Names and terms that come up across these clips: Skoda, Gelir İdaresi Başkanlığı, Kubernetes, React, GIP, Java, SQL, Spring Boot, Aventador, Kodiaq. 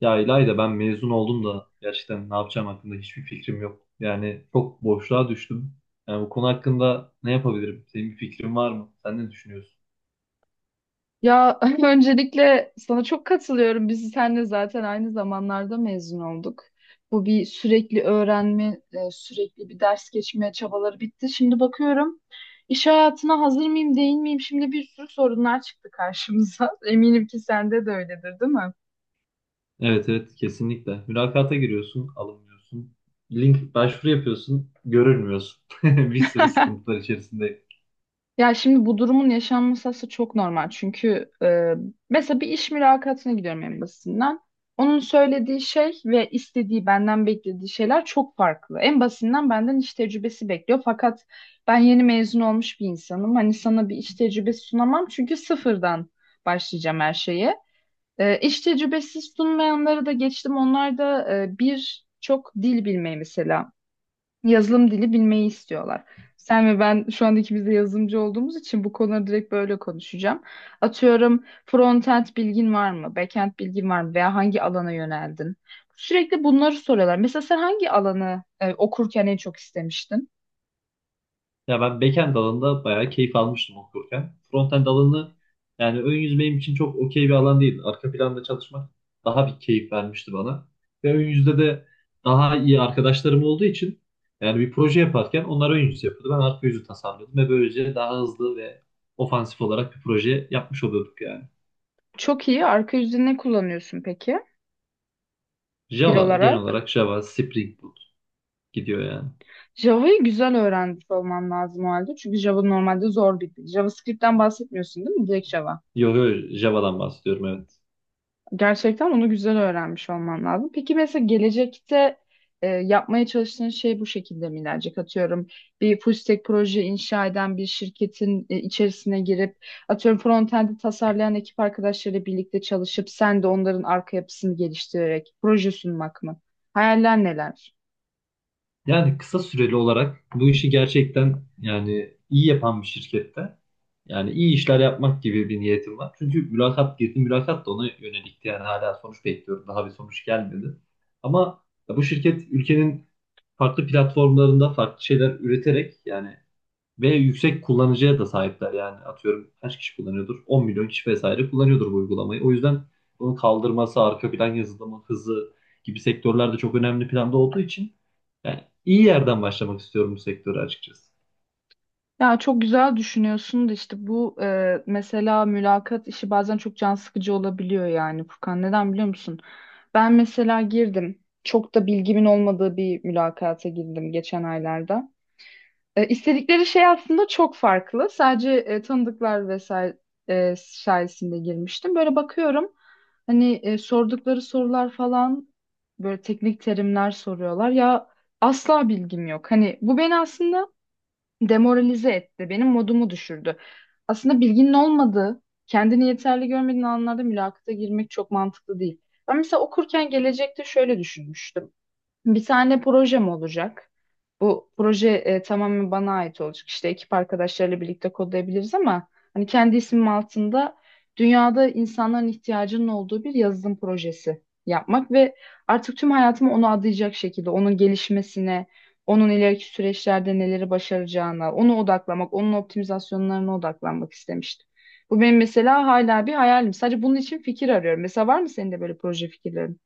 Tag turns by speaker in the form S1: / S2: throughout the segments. S1: Ya İlayda ben mezun oldum da gerçekten ne yapacağım hakkında hiçbir fikrim yok. Yani çok boşluğa düştüm. Yani bu konu hakkında ne yapabilirim? Senin bir fikrin var mı? Sen ne düşünüyorsun?
S2: Ya öncelikle sana çok katılıyorum. Biz seninle zaten aynı zamanlarda mezun olduk. Bu bir sürekli öğrenme, sürekli bir ders geçme çabaları bitti. Şimdi bakıyorum iş hayatına hazır mıyım, değil miyim? Şimdi bir sürü sorunlar çıktı karşımıza. Eminim ki sende de öyledir, değil mi?
S1: Evet evet, kesinlikle. Mülakata giriyorsun, alınmıyorsun. Link başvuru yapıyorsun, görülmüyorsun. Bir sürü sıkıntılar içerisinde.
S2: Ya şimdi bu durumun yaşanması aslında çok normal. Çünkü mesela bir iş mülakatına gidiyorum en basitinden. Onun söylediği şey ve istediği benden beklediği şeyler çok farklı. En basitinden benden iş tecrübesi bekliyor. Fakat ben yeni mezun olmuş bir insanım. Hani sana bir iş tecrübesi sunamam çünkü sıfırdan başlayacağım her şeye. İş tecrübesi sunmayanları da geçtim. Onlar da bir çok dil bilmeyi mesela yazılım dili bilmeyi istiyorlar. Sen ve ben şu an ikimiz de yazılımcı olduğumuz için bu konuları direkt böyle konuşacağım. Atıyorum frontend bilgin var mı? Backend bilgin var mı? Veya hangi alana yöneldin? Sürekli bunları soruyorlar. Mesela sen hangi alanı okurken en çok istemiştin?
S1: Ya ben backend alanında bayağı keyif almıştım okurken. Frontend alanı yani ön yüz benim için çok okey bir alan değil. Arka planda çalışmak daha bir keyif vermişti bana. Ve ön yüzde de daha iyi arkadaşlarım olduğu için yani bir proje yaparken onlar ön yüz yapıyordu. Ben arka yüzü tasarlıyordum ve böylece daha hızlı ve ofansif olarak bir proje yapmış oluyorduk yani.
S2: Çok iyi. Arka yüzde ne kullanıyorsun peki dil
S1: Java, genel
S2: olarak?
S1: olarak Java, Spring Boot gidiyor yani.
S2: Java'yı güzel öğrenmiş olman lazım o halde. Çünkü Java normalde zor bir dil. JavaScript'ten bahsetmiyorsun değil mi? Direkt Java.
S1: Yok yok, Java'dan bahsediyorum, evet.
S2: Gerçekten onu güzel öğrenmiş olman lazım. Peki mesela gelecekte yapmaya çalıştığın şey bu şekilde mi ilerleyecek? Atıyorum bir full stack proje inşa eden bir şirketin içerisine girip atıyorum frontend'i tasarlayan ekip arkadaşlarıyla birlikte çalışıp sen de onların arka yapısını geliştirerek proje sunmak mı? Hayaller neler?
S1: Yani kısa süreli olarak bu işi gerçekten yani iyi yapan bir şirkette yani iyi işler yapmak gibi bir niyetim var. Çünkü mülakat girdi, mülakat da ona yönelikti. Yani hala sonuç bekliyorum. Daha bir sonuç gelmedi. Ama ya bu şirket ülkenin farklı platformlarında farklı şeyler üreterek yani ve yüksek kullanıcıya da sahipler. Yani atıyorum kaç kişi kullanıyordur? 10 milyon kişi vesaire kullanıyordur bu uygulamayı. O yüzden bunu kaldırması, arka plan yazılımı, hızı gibi sektörler de çok önemli planda olduğu için yani iyi yerden başlamak istiyorum bu sektöre açıkçası.
S2: Ya çok güzel düşünüyorsun da işte bu mesela mülakat işi bazen çok can sıkıcı olabiliyor yani Furkan. Neden biliyor musun? Ben mesela girdim. Çok da bilgimin olmadığı bir mülakata girdim geçen aylarda. İstedikleri şey aslında çok farklı. Sadece tanıdıklar vesaire sayesinde girmiştim. Böyle bakıyorum. Hani sordukları sorular falan böyle teknik terimler soruyorlar. Ya asla bilgim yok. Hani bu beni aslında demoralize etti. Benim modumu düşürdü. Aslında bilginin olmadığı, kendini yeterli görmediğin anlarda mülakata girmek çok mantıklı değil. Ben mesela okurken gelecekte şöyle düşünmüştüm. Bir tane projem olacak. Bu proje tamamen bana ait olacak. İşte ekip arkadaşlarıyla birlikte kodlayabiliriz ama hani kendi ismim altında dünyada insanların ihtiyacının olduğu bir yazılım projesi yapmak ve artık tüm hayatımı ona adayacak şekilde onun gelişmesine, onun ileriki süreçlerde neleri başaracağına, onu odaklamak, onun optimizasyonlarına odaklanmak istemiştim. Bu benim mesela hala bir hayalim. Sadece bunun için fikir arıyorum. Mesela var mı senin de böyle proje fikirlerin?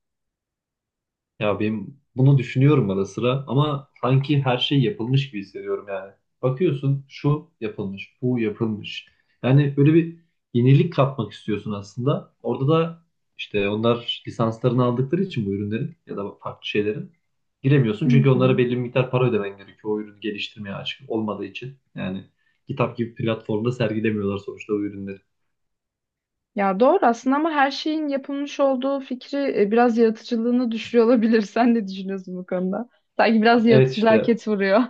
S1: Ya benim bunu düşünüyorum ara sıra ama sanki her şey yapılmış gibi hissediyorum yani. Bakıyorsun şu yapılmış, bu yapılmış. Yani böyle bir yenilik katmak istiyorsun aslında. Orada da işte onlar lisanslarını aldıkları için bu ürünlerin ya da farklı şeylerin giremiyorsun.
S2: Hı
S1: Çünkü
S2: hı.
S1: onlara belli bir miktar para ödemen gerekiyor, o ürünü geliştirmeye açık olmadığı için. Yani kitap gibi platformda sergilemiyorlar sonuçta o ürünleri.
S2: Ya doğru aslında ama her şeyin yapılmış olduğu fikri biraz yaratıcılığını düşürüyor olabilir. Sen ne düşünüyorsun bu konuda? Sanki biraz
S1: Evet
S2: yaratıcılığa
S1: işte.
S2: ket vuruyor.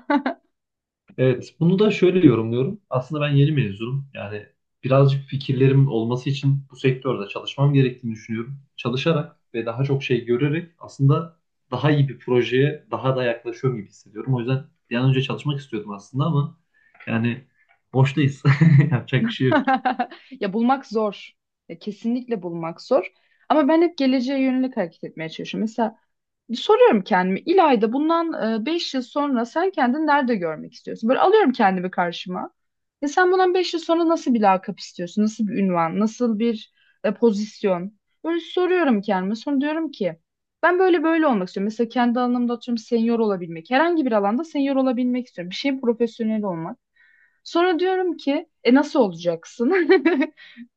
S1: Evet, bunu da şöyle yorumluyorum. Aslında ben yeni mezunum. Yani birazcık fikirlerim olması için bu sektörde çalışmam gerektiğini düşünüyorum. Çalışarak ve daha çok şey görerek aslında daha iyi bir projeye daha da yaklaşıyorum gibi hissediyorum. O yüzden bir an önce çalışmak istiyordum aslında ama yani boştayız. Yapacak bir şey yok.
S2: Ya bulmak zor. Ya kesinlikle bulmak zor. Ama ben hep geleceğe yönelik hareket etmeye çalışıyorum. Mesela soruyorum kendime İlayda bundan 5 yıl sonra sen kendini nerede görmek istiyorsun? Böyle alıyorum kendimi karşıma. E sen bundan 5 yıl sonra nasıl bir lakap istiyorsun? Nasıl bir ünvan? Nasıl bir pozisyon? Böyle soruyorum kendime. Sonra diyorum ki ben böyle böyle olmak istiyorum. Mesela kendi alanımda atıyorum senior olabilmek. Herhangi bir alanda senior olabilmek istiyorum. Bir şey profesyonel olmak. Sonra diyorum ki nasıl olacaksın?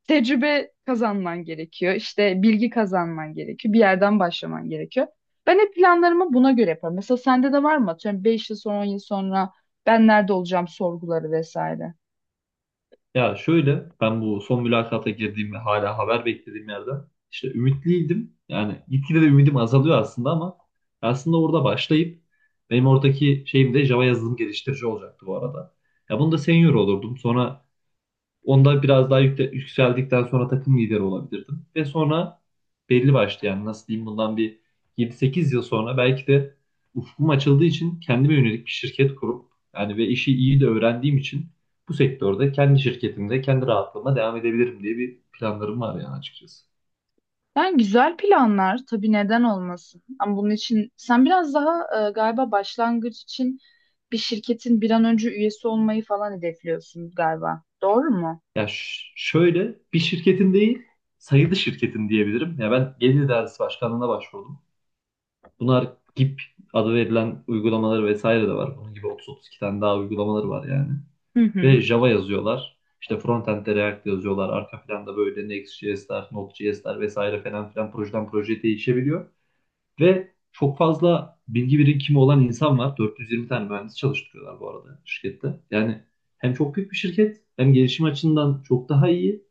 S2: Tecrübe kazanman gerekiyor. İşte bilgi kazanman gerekiyor. Bir yerden başlaman gerekiyor. Ben hep planlarımı buna göre yaparım. Mesela sende de var mı? Atıyorum 5 yıl sonra, 10 yıl sonra ben nerede olacağım sorguları vesaire.
S1: Ya şöyle, ben bu son mülakata girdiğim ve hala haber beklediğim yerde işte ümitliydim. Yani gitgide de ümidim azalıyor aslında ama aslında orada başlayıp benim oradaki şeyim de Java yazılım geliştirici olacaktı bu arada. Ya bunu da senior olurdum. Sonra onda biraz daha yükseldikten sonra takım lideri olabilirdim. Ve sonra belli başlı yani nasıl diyeyim bundan bir 7-8 yıl sonra belki de ufkum açıldığı için kendime yönelik bir şirket kurup yani ve işi iyi de öğrendiğim için bu sektörde kendi şirketimde kendi rahatlığıma devam edebilirim diye bir planlarım var yani açıkçası.
S2: Yani güzel planlar tabii neden olmasın. Ama bunun için sen biraz daha galiba başlangıç için bir şirketin bir an önce üyesi olmayı falan hedefliyorsun galiba. Doğru mu?
S1: Ya şöyle bir şirketin değil, sayılı şirketin diyebilirim. Ya ben Gelir İdaresi Başkanlığı'na başvurdum. Bunlar GIP adı verilen uygulamaları vesaire de var. Bunun gibi 30-32 tane daha uygulamaları var yani.
S2: Hı
S1: Ve
S2: hı.
S1: Java yazıyorlar. İşte frontend'de React yazıyorlar. Arka planda böyle Next.js'ler, Node.js'ler vesaire falan filan, projeden projeye değişebiliyor. Ve çok fazla bilgi birikimi olan insan var. 420 tane mühendis çalıştırıyorlar bu arada şirkette. Yani hem çok büyük bir şirket, hem gelişim açısından çok daha iyi,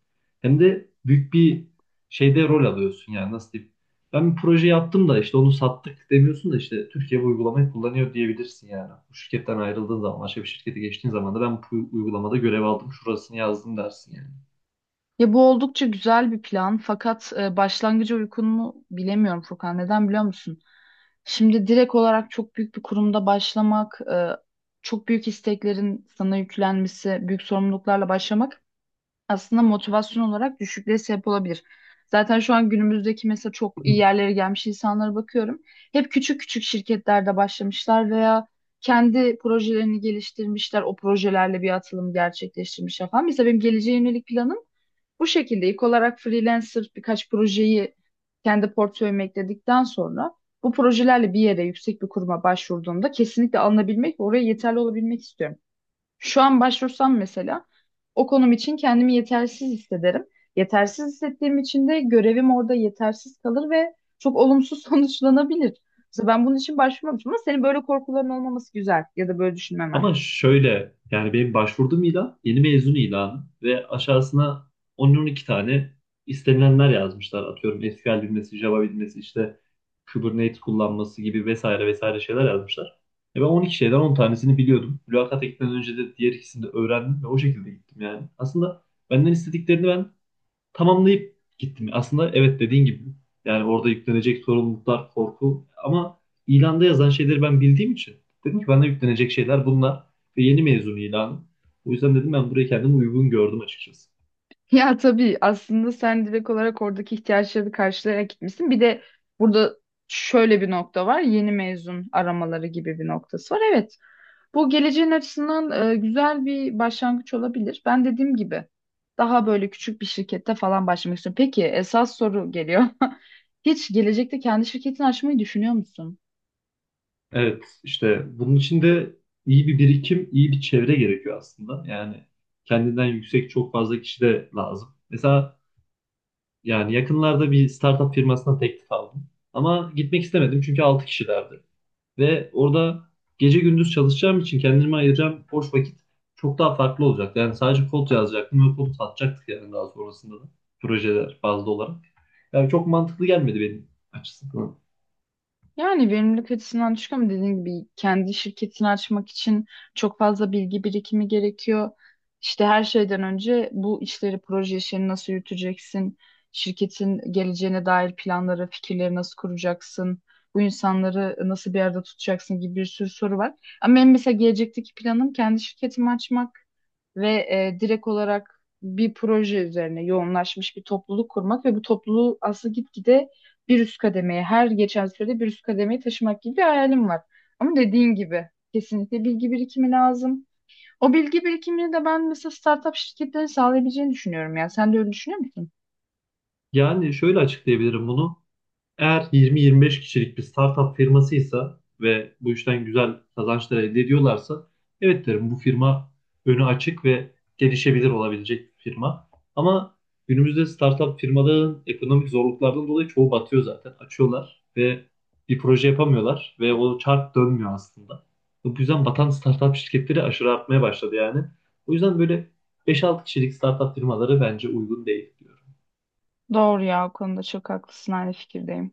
S1: hem de büyük bir şeyde rol alıyorsun yani nasıl diyeyim. Ben bir proje yaptım da işte onu sattık demiyorsun da işte Türkiye bu uygulamayı kullanıyor diyebilirsin yani. Bu şirketten ayrıldığın zaman, başka bir şirkete geçtiğin zaman da ben bu uygulamada görev aldım, şurasını yazdım dersin yani.
S2: Ya bu oldukça güzel bir plan fakat başlangıcı uygun mu bilemiyorum Furkan. Neden biliyor musun? Şimdi direkt olarak çok büyük bir kurumda başlamak, çok büyük isteklerin sana yüklenmesi, büyük sorumluluklarla başlamak aslında motivasyon olarak düşüklüğe sebep olabilir. Zaten şu an günümüzdeki mesela çok iyi yerlere gelmiş insanlara bakıyorum. Hep küçük küçük şirketlerde başlamışlar veya kendi projelerini geliştirmişler, o projelerle bir atılım gerçekleştirmişler falan. Mesela benim geleceğe yönelik planım bu şekilde ilk olarak freelancer birkaç projeyi kendi portföyüme ekledikten sonra bu projelerle bir yere yüksek bir kuruma başvurduğumda kesinlikle alınabilmek ve oraya yeterli olabilmek istiyorum. Şu an başvursam mesela o konum için kendimi yetersiz hissederim. Yetersiz hissettiğim için de görevim orada yetersiz kalır ve çok olumsuz sonuçlanabilir. Mesela ben bunun için başvurmamışım ama senin böyle korkuların olmaması güzel ya da böyle düşünmemen.
S1: Ama şöyle, yani benim başvurduğum ilan yeni mezun ilanı ve aşağısına on 12 tane istenilenler yazmışlar. Atıyorum SQL bilmesi, Java bilmesi, işte Kubernetes kullanması gibi vesaire vesaire şeyler yazmışlar. E ben 12 şeyden 10 tanesini biliyordum. Mülakata gitmeden önce de diğer ikisini de öğrendim ve o şekilde gittim yani. Aslında benden istediklerini ben tamamlayıp gittim. Aslında evet, dediğin gibi. Yani orada yüklenecek sorumluluklar, korku ama ilanda yazan şeyleri ben bildiğim için dedim ki bana yüklenecek şeyler bunlar ve yeni mezun ilanı. O yüzden dedim ben buraya kendimi uygun gördüm açıkçası.
S2: Ya tabii aslında sen direkt olarak oradaki ihtiyaçları karşılayarak gitmişsin. Bir de burada şöyle bir nokta var. Yeni mezun aramaları gibi bir noktası var. Evet, bu geleceğin açısından güzel bir başlangıç olabilir. Ben dediğim gibi daha böyle küçük bir şirkette falan başlamak istiyorum. Peki esas soru geliyor. Hiç gelecekte kendi şirketini açmayı düşünüyor musun?
S1: Evet işte, bunun için de iyi bir birikim, iyi bir çevre gerekiyor aslında. Yani kendinden yüksek çok fazla kişi de lazım. Mesela yani yakınlarda bir startup firmasına teklif aldım. Ama gitmek istemedim çünkü 6 kişilerdi. Ve orada gece gündüz çalışacağım için kendime ayıracağım boş vakit çok daha farklı olacak. Yani sadece kod yazacaktım ve kodu satacaktık yani daha sonrasında da projeler bazlı olarak. Yani çok mantıklı gelmedi benim açısından.
S2: Yani verimlilik açısından düşük ama dediğim gibi kendi şirketini açmak için çok fazla bilgi birikimi gerekiyor. İşte her şeyden önce bu işleri, proje işlerini nasıl yürüteceksin? Şirketin geleceğine dair planları, fikirleri nasıl kuracaksın? Bu insanları nasıl bir arada tutacaksın gibi bir sürü soru var. Ama benim mesela gelecekteki planım kendi şirketimi açmak ve direkt olarak bir proje üzerine yoğunlaşmış bir topluluk kurmak ve bu topluluğu aslında gitgide bir üst kademeye her geçen sürede bir üst kademeyi taşımak gibi bir hayalim var. Ama dediğin gibi kesinlikle bilgi birikimi lazım. O bilgi birikimini de ben mesela startup şirketlerin sağlayabileceğini düşünüyorum ya. Sen de öyle düşünüyor musun?
S1: Yani şöyle açıklayabilirim bunu. Eğer 20-25 kişilik bir startup firmasıysa ve bu işten güzel kazançlar elde ediyorlarsa evet derim, bu firma önü açık ve gelişebilir olabilecek bir firma. Ama günümüzde startup firmaların ekonomik zorluklardan dolayı çoğu batıyor zaten. Açıyorlar ve bir proje yapamıyorlar ve o çark dönmüyor aslında. Bu yüzden batan startup şirketleri aşırı artmaya başladı yani. O yüzden böyle 5-6 kişilik startup firmaları bence uygun değil.
S2: Doğru ya o konuda çok haklısın aynı fikirdeyim.